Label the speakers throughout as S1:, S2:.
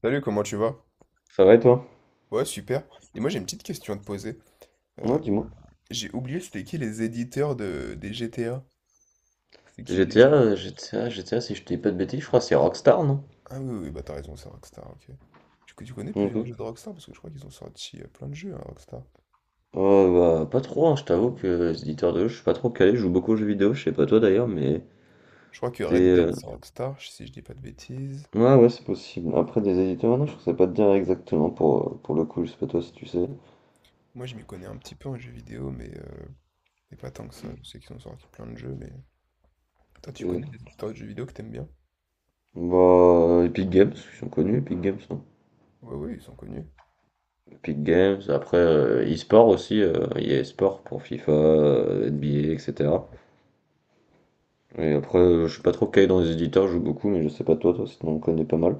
S1: Salut, comment tu vas?
S2: Ça va et toi?
S1: Ouais, super. Et moi, j'ai une petite question à te poser.
S2: Ouais,
S1: Euh,
S2: dis-moi.
S1: j'ai oublié c'était qui les éditeurs des GTA? C'est qui
S2: GTA,
S1: déjà?
S2: si je te dis pas de bêtises, je crois que c'est Rockstar, non?
S1: Ah oui, oui, oui, bah t'as raison, c'est Rockstar, ok. Tu connais
S2: Ok.
S1: plusieurs jeux de Rockstar? Parce que je crois qu'ils ont sorti plein de jeux, hein, Rockstar.
S2: Oh, bah, pas trop, hein, je t'avoue que les éditeurs de jeux, je suis pas trop calé, je joue beaucoup aux jeux vidéo, je sais pas toi d'ailleurs, mais
S1: Je crois que Red
S2: des.
S1: Dead, c'est Rockstar, si je dis pas de bêtises.
S2: Ouais, ouais, c'est possible. Après, des éditeurs, non, je sais pas te dire exactement pour le coup, je sais pas toi si tu sais.
S1: Moi, je m'y connais un petit peu en jeux vidéo, mais pas tant que ça. Je sais qu'ils ont sorti plein de jeux, mais… Toi, tu connais
S2: Et-
S1: des éditeurs de jeux vidéo que t'aimes bien?
S2: Bah, Epic Games, ils sont connus, Epic Games, hein.
S1: Ouais, oui, ils sont connus.
S2: Epic Games, après e-sport aussi, il y a e-sport pour FIFA, NBA, etc. Et après, je suis pas trop calé dans les éditeurs, je joue beaucoup, mais je sais pas toi, toi, sinon on connaît pas mal.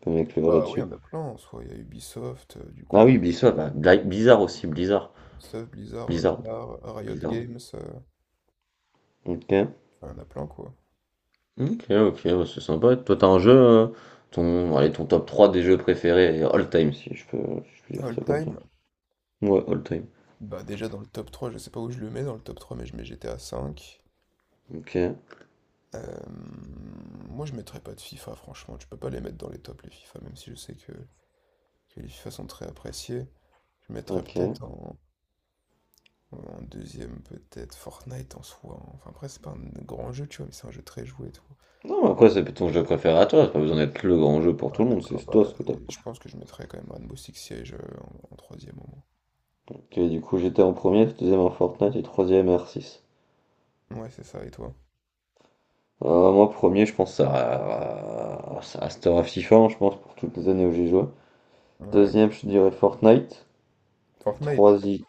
S2: Tu peux m'éclairer
S1: Bah oui, il y
S2: là-dessus.
S1: en a plein, en soi. Il y a Ubisoft, du
S2: Ah
S1: coup.
S2: oui, Blizzard, bah, Blizzard aussi, Blizzard.
S1: Ubisoft, Blizzard,
S2: Blizzard,
S1: Rockstar, Riot
S2: Blizzard.
S1: Games,
S2: Ok,
S1: enfin, il y en a plein quoi.
S2: ok, ok, ouais, c'est sympa. Toi, t'as un jeu, ton, allez, ton top 3 des jeux préférés, all time, si je peux, dire
S1: All
S2: ça comme ça.
S1: time,
S2: Ouais, all time.
S1: bah déjà dans le top 3. Je sais pas où je le mets dans le top 3, mais je mets GTA 5.
S2: Ok,
S1: Moi je mettrais pas de FIFA, franchement, tu peux pas les mettre dans les tops les FIFA, même si je sais que les FIFA sont très appréciés. Je mettrais
S2: ok.
S1: peut-être en deuxième, peut-être Fortnite en soi, hein. Enfin après c'est pas un grand jeu, tu vois, mais c'est un jeu très joué et tout.
S2: Non, mais après, c'est ton jeu préféré à toi, c'est pas besoin d'être le grand jeu pour
S1: Ouais,
S2: tout le monde,
S1: d'accord,
S2: c'est toi
S1: bah
S2: ce que t'as
S1: et je
S2: préféré.
S1: pense que je mettrais quand même Rainbow Six Siege en troisième au
S2: Ok, du coup, j'étais en premier, deuxième en Fortnite et troisième R6.
S1: moins. Ouais, c'est ça, et toi?
S2: Moi, premier, je pense à, Star of Titan, je pense, pour toutes les années où j'ai joué.
S1: Ouais.
S2: Deuxième, je dirais Fortnite.
S1: Fortnite.
S2: Troisième,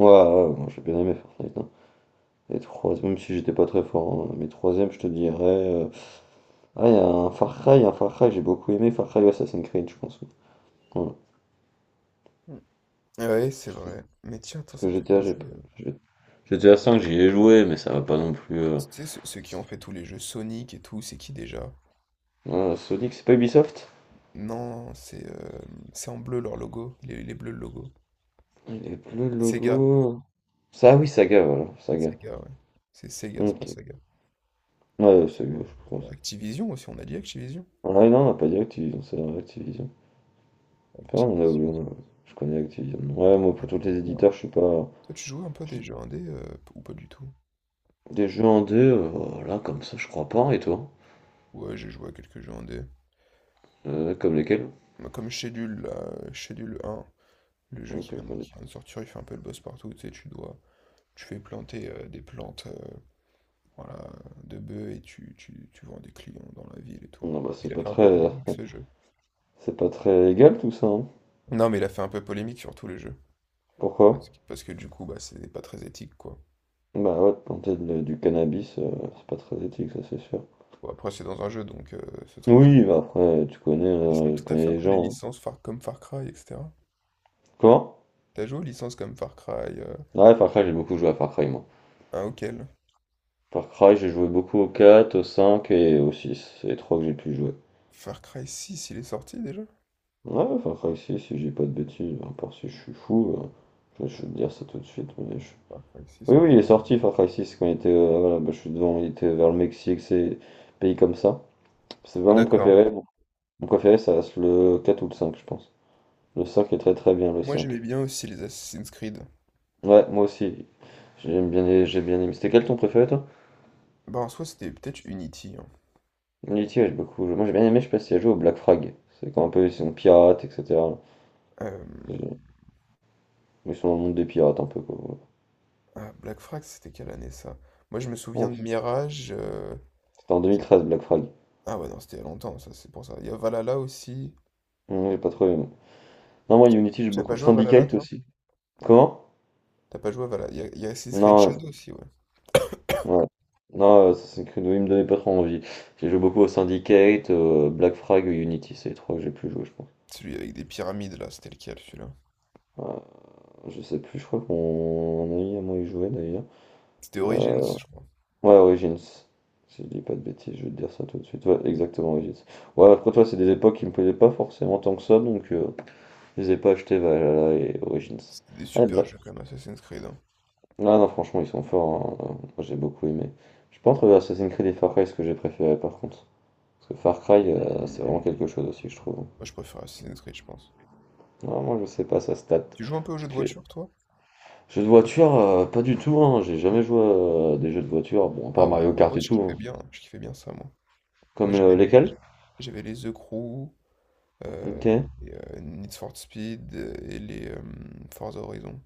S2: ouais, ouais, moi j'ai bien aimé Fortnite, hein. Et troisième, même si j'étais pas très fort, hein, mais troisième, je te dirais, ah, il y a un Far Cry, j'ai beaucoup aimé Far Cry ou Assassin's Creed, je pense. Oui, voilà.
S1: Hmm, Ouais, c'est
S2: Parce que,
S1: vrai. Mais tiens, attends,
S2: parce
S1: ça
S2: que
S1: me fait
S2: GTA, j'ai
S1: penser…
S2: pas- j'ai- GTA 5, j'y ai joué, mais ça va pas non plus,
S1: Tu sais, ceux qui ont fait tous les jeux Sonic et tout, c'est qui déjà?
S2: voilà, Sonic, c'est pas Ubisoft?
S1: Non, c'est en bleu leur logo. Il est bleu le logo.
S2: Il est bleu le
S1: Sega.
S2: logo. Ça, ah oui, Saga, voilà, Saga.
S1: Sega, ouais. C'est Sega, c'est pas
S2: Ok.
S1: Saga.
S2: Ouais, ouais, c'est, mieux, je sais plus comment
S1: Bah,
S2: ça.
S1: Activision aussi, on a dit Activision.
S2: Ouais, non, on n'a pas dit Activision, c'est vrai, Activision. Enfin, on a
S1: Activision.
S2: oublié, je connais Activision.
S1: Il y
S2: Ouais,
S1: a
S2: moi,
S1: plein
S2: pour tous les
S1: d'éditeurs.
S2: éditeurs, je suis pas.
S1: Toi, tu joues un peu à
S2: je
S1: des
S2: suis-
S1: jeux indés ou pas du tout?
S2: Des jeux en deux là, comme ça, je crois pas, et toi?
S1: Ouais, j'ai joué à quelques jeux indés. mais-
S2: Comme lesquels?
S1: Moi, comme Schedule, là, Schedule un, le jeu
S2: Ok,
S1: qui
S2: je
S1: vient
S2: connais
S1: qui
S2: pas.
S1: vient de sortir, il fait un peu le boss partout. Tu sais, tu dois… Tu fais planter des plantes, voilà, de bœufs et tu vends des clients dans la ville et tout.
S2: Non, bah,
S1: Il
S2: c'est
S1: a
S2: pas
S1: fait un peu
S2: très.
S1: polémique ce jeu.
S2: C'est pas très légal, tout ça, hein.
S1: Non, mais il a fait un peu polémique sur tous les jeux.
S2: Pourquoi?
S1: Parce que du coup, bah, c'est pas très éthique, quoi.
S2: Bah, ouais, de planter du cannabis, c'est pas très éthique, ça, c'est sûr.
S1: Bon, après, c'est dans un jeu, donc c'est tranquille.
S2: Oui, bah, après,
S1: Et sinon,
S2: tu
S1: tout à
S2: connais
S1: fait un
S2: les
S1: peu les
S2: gens, hein.
S1: licences Far- comme Far Cry, etc.
S2: Comment?
S1: T'as joué aux licences comme Far Cry
S2: Ouais, Far Cry, j'ai beaucoup joué à Far Cry, moi.
S1: un auquel?
S2: Far Cry, j'ai joué beaucoup au 4, au 5 et au six. C'est les trois que j'ai pu jouer.
S1: Far Cry 6, il est sorti déjà?
S2: Ouais, Far Cry 6 si j'ai pas de bêtises, à part si je suis fou, je vais te dire ça tout de suite.
S1: Far Cry 6,
S2: Oui,
S1: ouais.
S2: oui, il est sorti Far Cry 6 quand il était, voilà, bah, je suis devant, il était vers le Mexique, ces pays comme ça. C'est vraiment mon
S1: D'accord.
S2: préféré. Mon préféré, ça reste le 4 ou le 5, je pense. Le 5 est très très bien, le
S1: Moi,
S2: 5.
S1: j'aimais bien aussi les Assassin's Creed.
S2: Ouais, moi aussi. J'aime bien, j'ai bien aimé. C'était quel ton préféré, toi?
S1: Bah, en soi, c'était peut-être Unity, hein.
S2: Unity, ouais, j'ai beaucoup joué. Moi, j'ai bien aimé, je sais pas si tu as joué au Black Frag. C'est quand un peu, ils sont pirates, etc.
S1: Euh,
S2: J'ai- Ils sont dans le monde des pirates un peu quoi, voilà.
S1: Ah, Black Frax, c'était quelle année ça? Moi, je me souviens
S2: Bon,
S1: de Mirage.
S2: c'était en 2013 Black Flag.
S1: Ah ouais, non, c'était il y a longtemps, ça, c'est pour ça. Il y a Valhalla aussi.
S2: Non, j'ai pas trop aimé. Non, moi Unity j'ai
S1: T'as
S2: beaucoup.
S1: pas joué à Valhalla,
S2: Syndicate
S1: toi?
S2: aussi. Comment?
S1: T'as pas joué à Valhalla. Il y a Assassin's Creed
S2: Non,
S1: Shadow aussi, ouais.
S2: ouais. Non, Assassin's Creed, oui, il me donnait pas trop envie. J'ai joué beaucoup au Syndicate, Black Frag et Unity, c'est les trois que j'ai plus joué, je pense.
S1: Celui avec des pyramides, là, c'était lequel, celui-là?
S2: Euh, je sais plus, je crois que mon ami à moi il jouait d'ailleurs.
S1: C'était Origins,
S2: Euh,
S1: je crois.
S2: ouais, Origins. Si je dis pas de bêtises, je vais te dire ça tout de suite. Ouais, exactement, Origins. Ouais, après toi, c'est des époques qui me plaisaient pas forcément tant que ça, donc je les ai pas achetés Valhalla et Origins.
S1: C'était des
S2: Ah,
S1: super
S2: Bla-
S1: jeux, quand même, Assassin's Creed, hein.
S2: Ah non, franchement, ils sont forts, hein. Moi, j'ai beaucoup aimé. Je pense entre Assassin's Creed et Far Cry, ce que j'ai préféré par contre. Parce que Far Cry, c'est vraiment
S1: Mm.
S2: quelque chose aussi, je trouve.
S1: Moi, je préfère Assassin's Creed, je pense.
S2: Vraiment, je sais pas, ça se tâte.
S1: Tu joues un peu aux jeux
S2: Parce
S1: de
S2: que
S1: voiture, toi?
S2: jeux de voiture, pas du tout, hein. J'ai jamais joué à des jeux de voiture. Bon, à
S1: Ah
S2: part
S1: ouais,
S2: Mario
S1: moi,
S2: Kart
S1: moi,
S2: et
S1: je
S2: tout,
S1: kiffais
S2: hein.
S1: bien, hein, je kiffais bien ça, moi. Moi,
S2: Lesquels?
S1: j'avais les The Crew,
S2: Ok.
S1: Need for Speed et les Forza Horizon.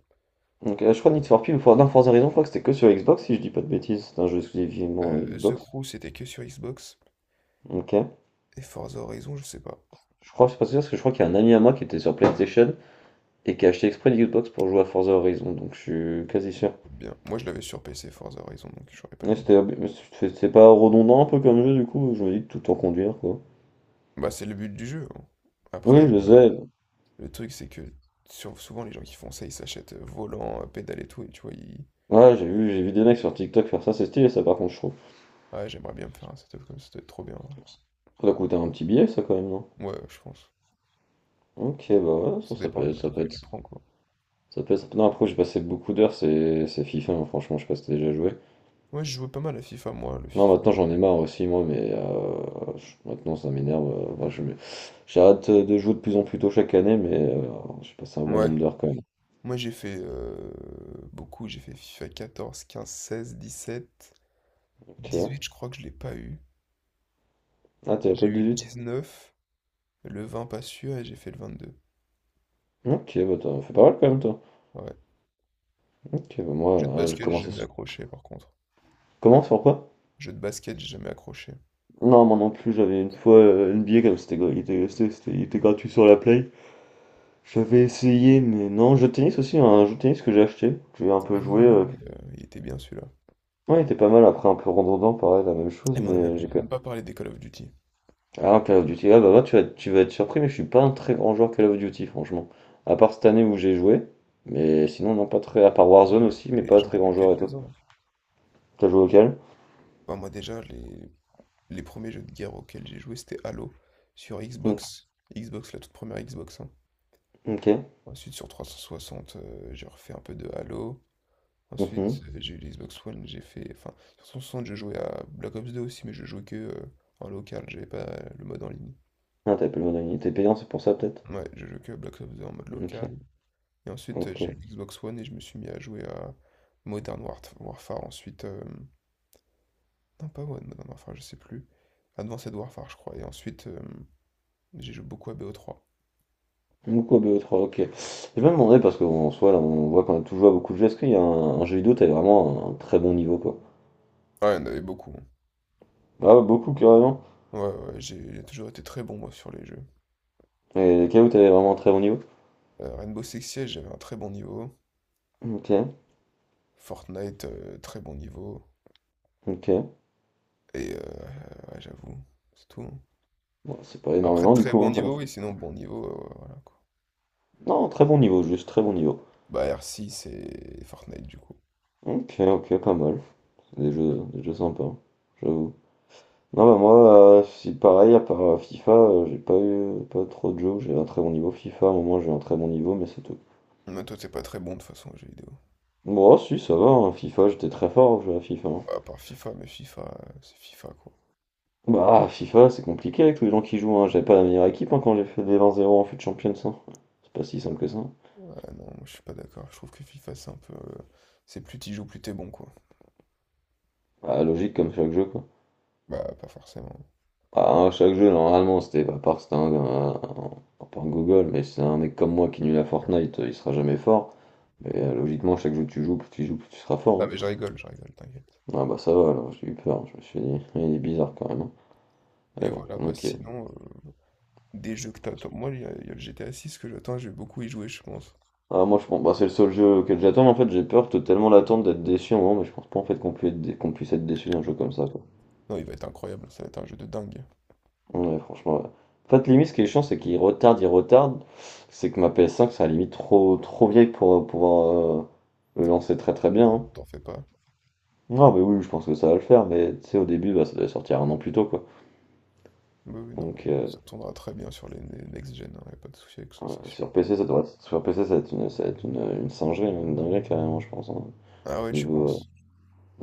S2: Donc, je crois Need for Speed ou non, Forza Horizon, je crois que c'était que sur Xbox, si je dis pas de bêtises. C'est un jeu exclusivement
S1: The
S2: Xbox.
S1: Crew, c'était que sur Xbox.
S2: Ok.
S1: Et Forza Horizon, je sais pas.
S2: Je crois, c'est pas sûr, parce que je crois qu'il y a un ami à moi qui était sur PlayStation et qui a acheté exprès une Xbox pour jouer à Forza Horizon, donc je suis quasi sûr.
S1: Peut-être bien. Moi, je l'avais sur PC, Forza Horizon, donc je saurais pas te
S2: Ouais,
S1: dire.
S2: mais c'est pas redondant un peu comme jeu du coup, je me dis tout en conduire quoi.
S1: Bah, c'est le but du jeu, hein.
S2: Oui,
S1: Après,
S2: je sais.
S1: le truc, c'est que souvent, les gens qui font ça, ils s'achètent volant, pédale et tout, et tu vois, ils…
S2: Ouais, j'ai vu des mecs sur TikTok faire ça, c'est stylé ça par contre je trouve.
S1: Ouais, j'aimerais bien me faire un setup comme ça doit être trop bien,
S2: Ça doit coûter un petit billet ça quand même, non?
S1: ouais. Ouais, je pense.
S2: Ok, bah ouais,
S1: Ça dépend du matos que tu prends, quoi.
S2: ça peut être. Non, après j'ai passé beaucoup d'heures, c'est FIFA, hein, franchement, je sais pas si t'as déjà joué.
S1: Moi, je jouais pas mal à FIFA, moi, le
S2: Non,
S1: FIFA.
S2: maintenant j'en ai marre aussi moi, mais maintenant ça m'énerve, moi, j'arrête de jouer de plus en plus tôt chaque année, mais j'ai passé un bon
S1: Ouais.
S2: nombre d'heures quand même.
S1: Moi, j'ai fait beaucoup. J'ai fait FIFA 14, 15, 16, 17,
S2: Ok.
S1: 18, je crois que je l'ai pas eu.
S2: Ah, t'es
S1: J'ai
S2: Apple
S1: eu le
S2: huit.
S1: 19. Le 20, pas sûr, et j'ai fait le 22.
S2: Ok, bah t'en fais pas mal quand même toi.
S1: Ouais.
S2: Ok, bah moi,
S1: Jeu de
S2: j'ai
S1: basket, j'ai
S2: commencé
S1: jamais
S2: sur...
S1: accroché, par contre.
S2: Comment, sur quoi?
S1: Jeu de basket, j'ai jamais accroché.
S2: Non, moi non plus, j'avais une fois NBA, comme c'était, il était, il était gratuit sur la Play. J'avais essayé, mais non. Jeu de tennis aussi, hein, un jeu de tennis que j'ai acheté, que j'ai un peu
S1: Oui,
S2: joué,
S1: oui. Il était bien celui-là.
S2: ouais, il était pas mal, après un peu redondant, pareil, la même
S1: Eh,
S2: chose,
S1: mais
S2: mais
S1: on
S2: j'ai
S1: n'a
S2: quand...
S1: même pas parlé des Call of Duty.
S2: Alors, Call of Duty, ah bah moi, tu vas être surpris, mais je suis pas un très grand joueur Call of Duty, franchement. À part cette année où j'ai joué, mais sinon, non, pas très... À part
S1: Moi,
S2: Warzone aussi, mais pas
S1: J'en
S2: très
S1: ai fait
S2: grand joueur et toi.
S1: quelques-uns.
S2: T'as joué auquel?
S1: Enfin, moi, déjà, les premiers jeux de guerre auxquels j'ai joué, c'était Halo sur
S2: Mm,
S1: Xbox. Xbox, la toute première Xbox, hein.
S2: ok,
S1: Ensuite, sur 360, j'ai refait un peu de Halo.
S2: ok,
S1: Ensuite,
S2: mhm.
S1: j'ai eu l'Xbox One, j'ai fait. Enfin, sur 360, je jouais à Black Ops 2 aussi, mais je jouais que en local, j'avais pas le mode en ligne.
S2: Ah, t'as payé le mode, il était payant, c'est pour ça peut-être.
S1: Ouais, j'ai joué que à Black Ops 2 en mode
S2: Ok.
S1: local. Et ensuite,
S2: Ok.
S1: j'ai eu l'Xbox One et je me suis mis à jouer à Modern Warfare. Ensuite, non, pas One, Modern Warfare, je sais plus. Advanced Warfare, je crois. Et ensuite, j'ai joué beaucoup à BO3.
S2: Mukobe 3, ok. J'ai même demandé parce qu'en soi, là, on voit qu'on a toujours à beaucoup de jeux. Est-ce qu'il y a un jeu vidéo, t'avais vraiment un, très bon niveau, quoi?
S1: Ouais, il y en avait beaucoup, hein.
S2: Ah ouais, beaucoup, carrément.
S1: Ouais, ouais, j'ai toujours été très bon, moi, sur les jeux.
S2: Et lesquels où t'avais vraiment un très bon niveau?
S1: Rainbow Six Siege, j'avais un très bon niveau.
S2: Ok,
S1: Fortnite, très bon niveau.
S2: ok.
S1: Et ouais, j'avoue, c'est tout, hein.
S2: Bon, c'est pas
S1: Après,
S2: énormément, du
S1: très
S2: coup,
S1: bon
S2: hein, quand même.
S1: niveau, oui, sinon bon niveau, voilà quoi.
S2: Non, très bon niveau, juste très bon niveau.
S1: Bah, R6 et Fortnite, du coup.
S2: Ok, ok, pas mal. Des jeux sympas, hein, j'avoue. Non, bah moi, c'est pareil, à part FIFA, j'ai pas eu pas trop de jeux où j'ai un très bon niveau. FIFA, à un moment, j'ai un très bon niveau, mais c'est tout.
S1: Mais toi, t'es pas très bon de toute façon aux jeux vidéo.
S2: Bon, ah, si, ça va, hein, FIFA, j'étais très fort au jeu à FIFA, hein.
S1: Ouais, à part FIFA, mais FIFA, c'est FIFA quoi.
S2: Bah, FIFA, c'est compliqué avec tous les gens qui jouent, hein. J'avais pas la meilleure équipe hein, quand j'ai fait des 20-0 en FUT Champions, hein. C'est pas si simple que ça.
S1: Ouais, non, moi je suis pas d'accord. Je trouve que FIFA, c'est un peu… C'est plus t'y joues, plus t'es bon quoi.
S2: Bah, logique comme chaque jeu, quoi.
S1: Bah, pas forcément.
S2: Ah, à chaque jeu, normalement, c'était pas à part que c'était pas un gogol, mais c'est un mec comme moi qui est nul à Fortnite, il sera jamais fort. Mais logiquement, chaque jeu que tu joues, plus tu joues, plus tu seras
S1: Non,
S2: fort,
S1: mais je rigole, t'inquiète.
S2: hein. Ah bah ça va, alors j'ai eu peur, hein. Je me suis dit, il est bizarre quand même, hein.
S1: Et
S2: Mais bon,
S1: voilà, bah
S2: ok.
S1: sinon, des jeux que t'attends. Moi, il y a le GTA 6 que j'attends, je vais beaucoup y jouer, je pense.
S2: Ah, moi je pense, bah, c'est le seul jeu auquel j'attends, en fait j'ai peur de tellement l'attendre d'être déçu, en moment, mais je pense pas en fait qu'on puisse être, qu'on puisse être déçu d'un jeu comme ça, quoi.
S1: Non, il va être incroyable, ça va être un jeu de dingue.
S2: Ouais, franchement, ouais. En fait, limite, ce qui est chiant, c'est qu'il retarde il retarde c'est que ma PS5, ça limite trop, trop vieille pour pouvoir le lancer très très
S1: Non.
S2: bien, hein.
S1: T'en fais pas.
S2: Non, mais oui, je pense que ça va le faire, mais tu sais, au début, bah, ça devait sortir un an plus tôt, quoi.
S1: Oui, oui, non,
S2: Donc,
S1: mais ça tournera très bien sur les next-gen, hein, y a pas de souci avec ça,
S2: ouais,
S1: c'est sûr.
S2: sur PC, ça devrait être, sur PC, ça va être une singerie, une dinguerie, carrément, je pense, hein.
S1: Ah ouais, tu
S2: Niveau, euh,
S1: penses?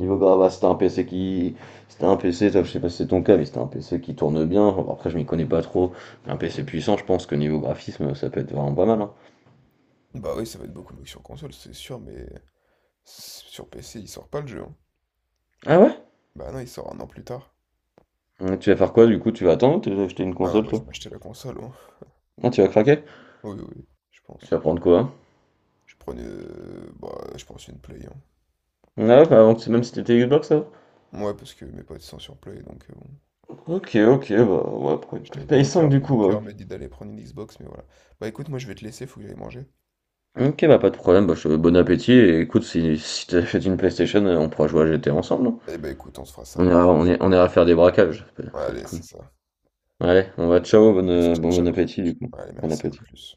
S2: Niveau grave, ah, c'était un PC qui. C'était un PC, toi, je sais pas si c'est ton cas, mais c'était un PC qui tourne bien. Bon, après, je m'y connais pas trop. Un PC puissant, je pense que niveau graphisme, ça peut être vraiment pas mal, hein.
S1: Bah oui, ça va être beaucoup mieux que sur console, c'est sûr, mais sur PC, il sort pas le jeu, hein.
S2: Ah ouais?
S1: Bah non, il sort un an plus tard.
S2: Ouais, tu vas faire quoi du coup? Tu vas attendre ou tu vas acheter une
S1: Ah non,
S2: console
S1: moi je
S2: toi?
S1: m'achetais la console, hein.
S2: Ah, tu vas craquer?
S1: Oui, oui, oui, je
S2: Tu
S1: pense.
S2: vas prendre quoi, hein?
S1: Je prenais, bah, je pense une Play, hein.
S2: Ah ouais, bah, même si t'étais Xbox ça?
S1: Ouais, parce que mes potes sont sur Play, donc bon.
S2: Ok, ok, bah ouais, pour une
S1: J'étais avec mon
S2: PS5
S1: cœur.
S2: du coup,
S1: Mon cœur
S2: bah.
S1: m'a dit d'aller prendre une Xbox, mais voilà. Bah écoute, moi je vais te laisser, faut que j'aille manger.
S2: Ok, bah pas de problème, bah, bon appétit et écoute, si t'achètes une PlayStation, on pourra jouer à GT ensemble, non?
S1: Eh bah écoute, on se fera
S2: On
S1: ça.
S2: ira, on ira, on ira faire des braquages, ça va être
S1: Allez,
S2: cool.
S1: c'est ça.
S2: Allez,
S1: Ouais,
S2: ciao, bonne-
S1: plus,
S2: euh,
S1: ciao,
S2: bon, bon
S1: ciao.
S2: appétit du coup.
S1: Allez,
S2: Bon
S1: merci, à
S2: appétit.
S1: plus.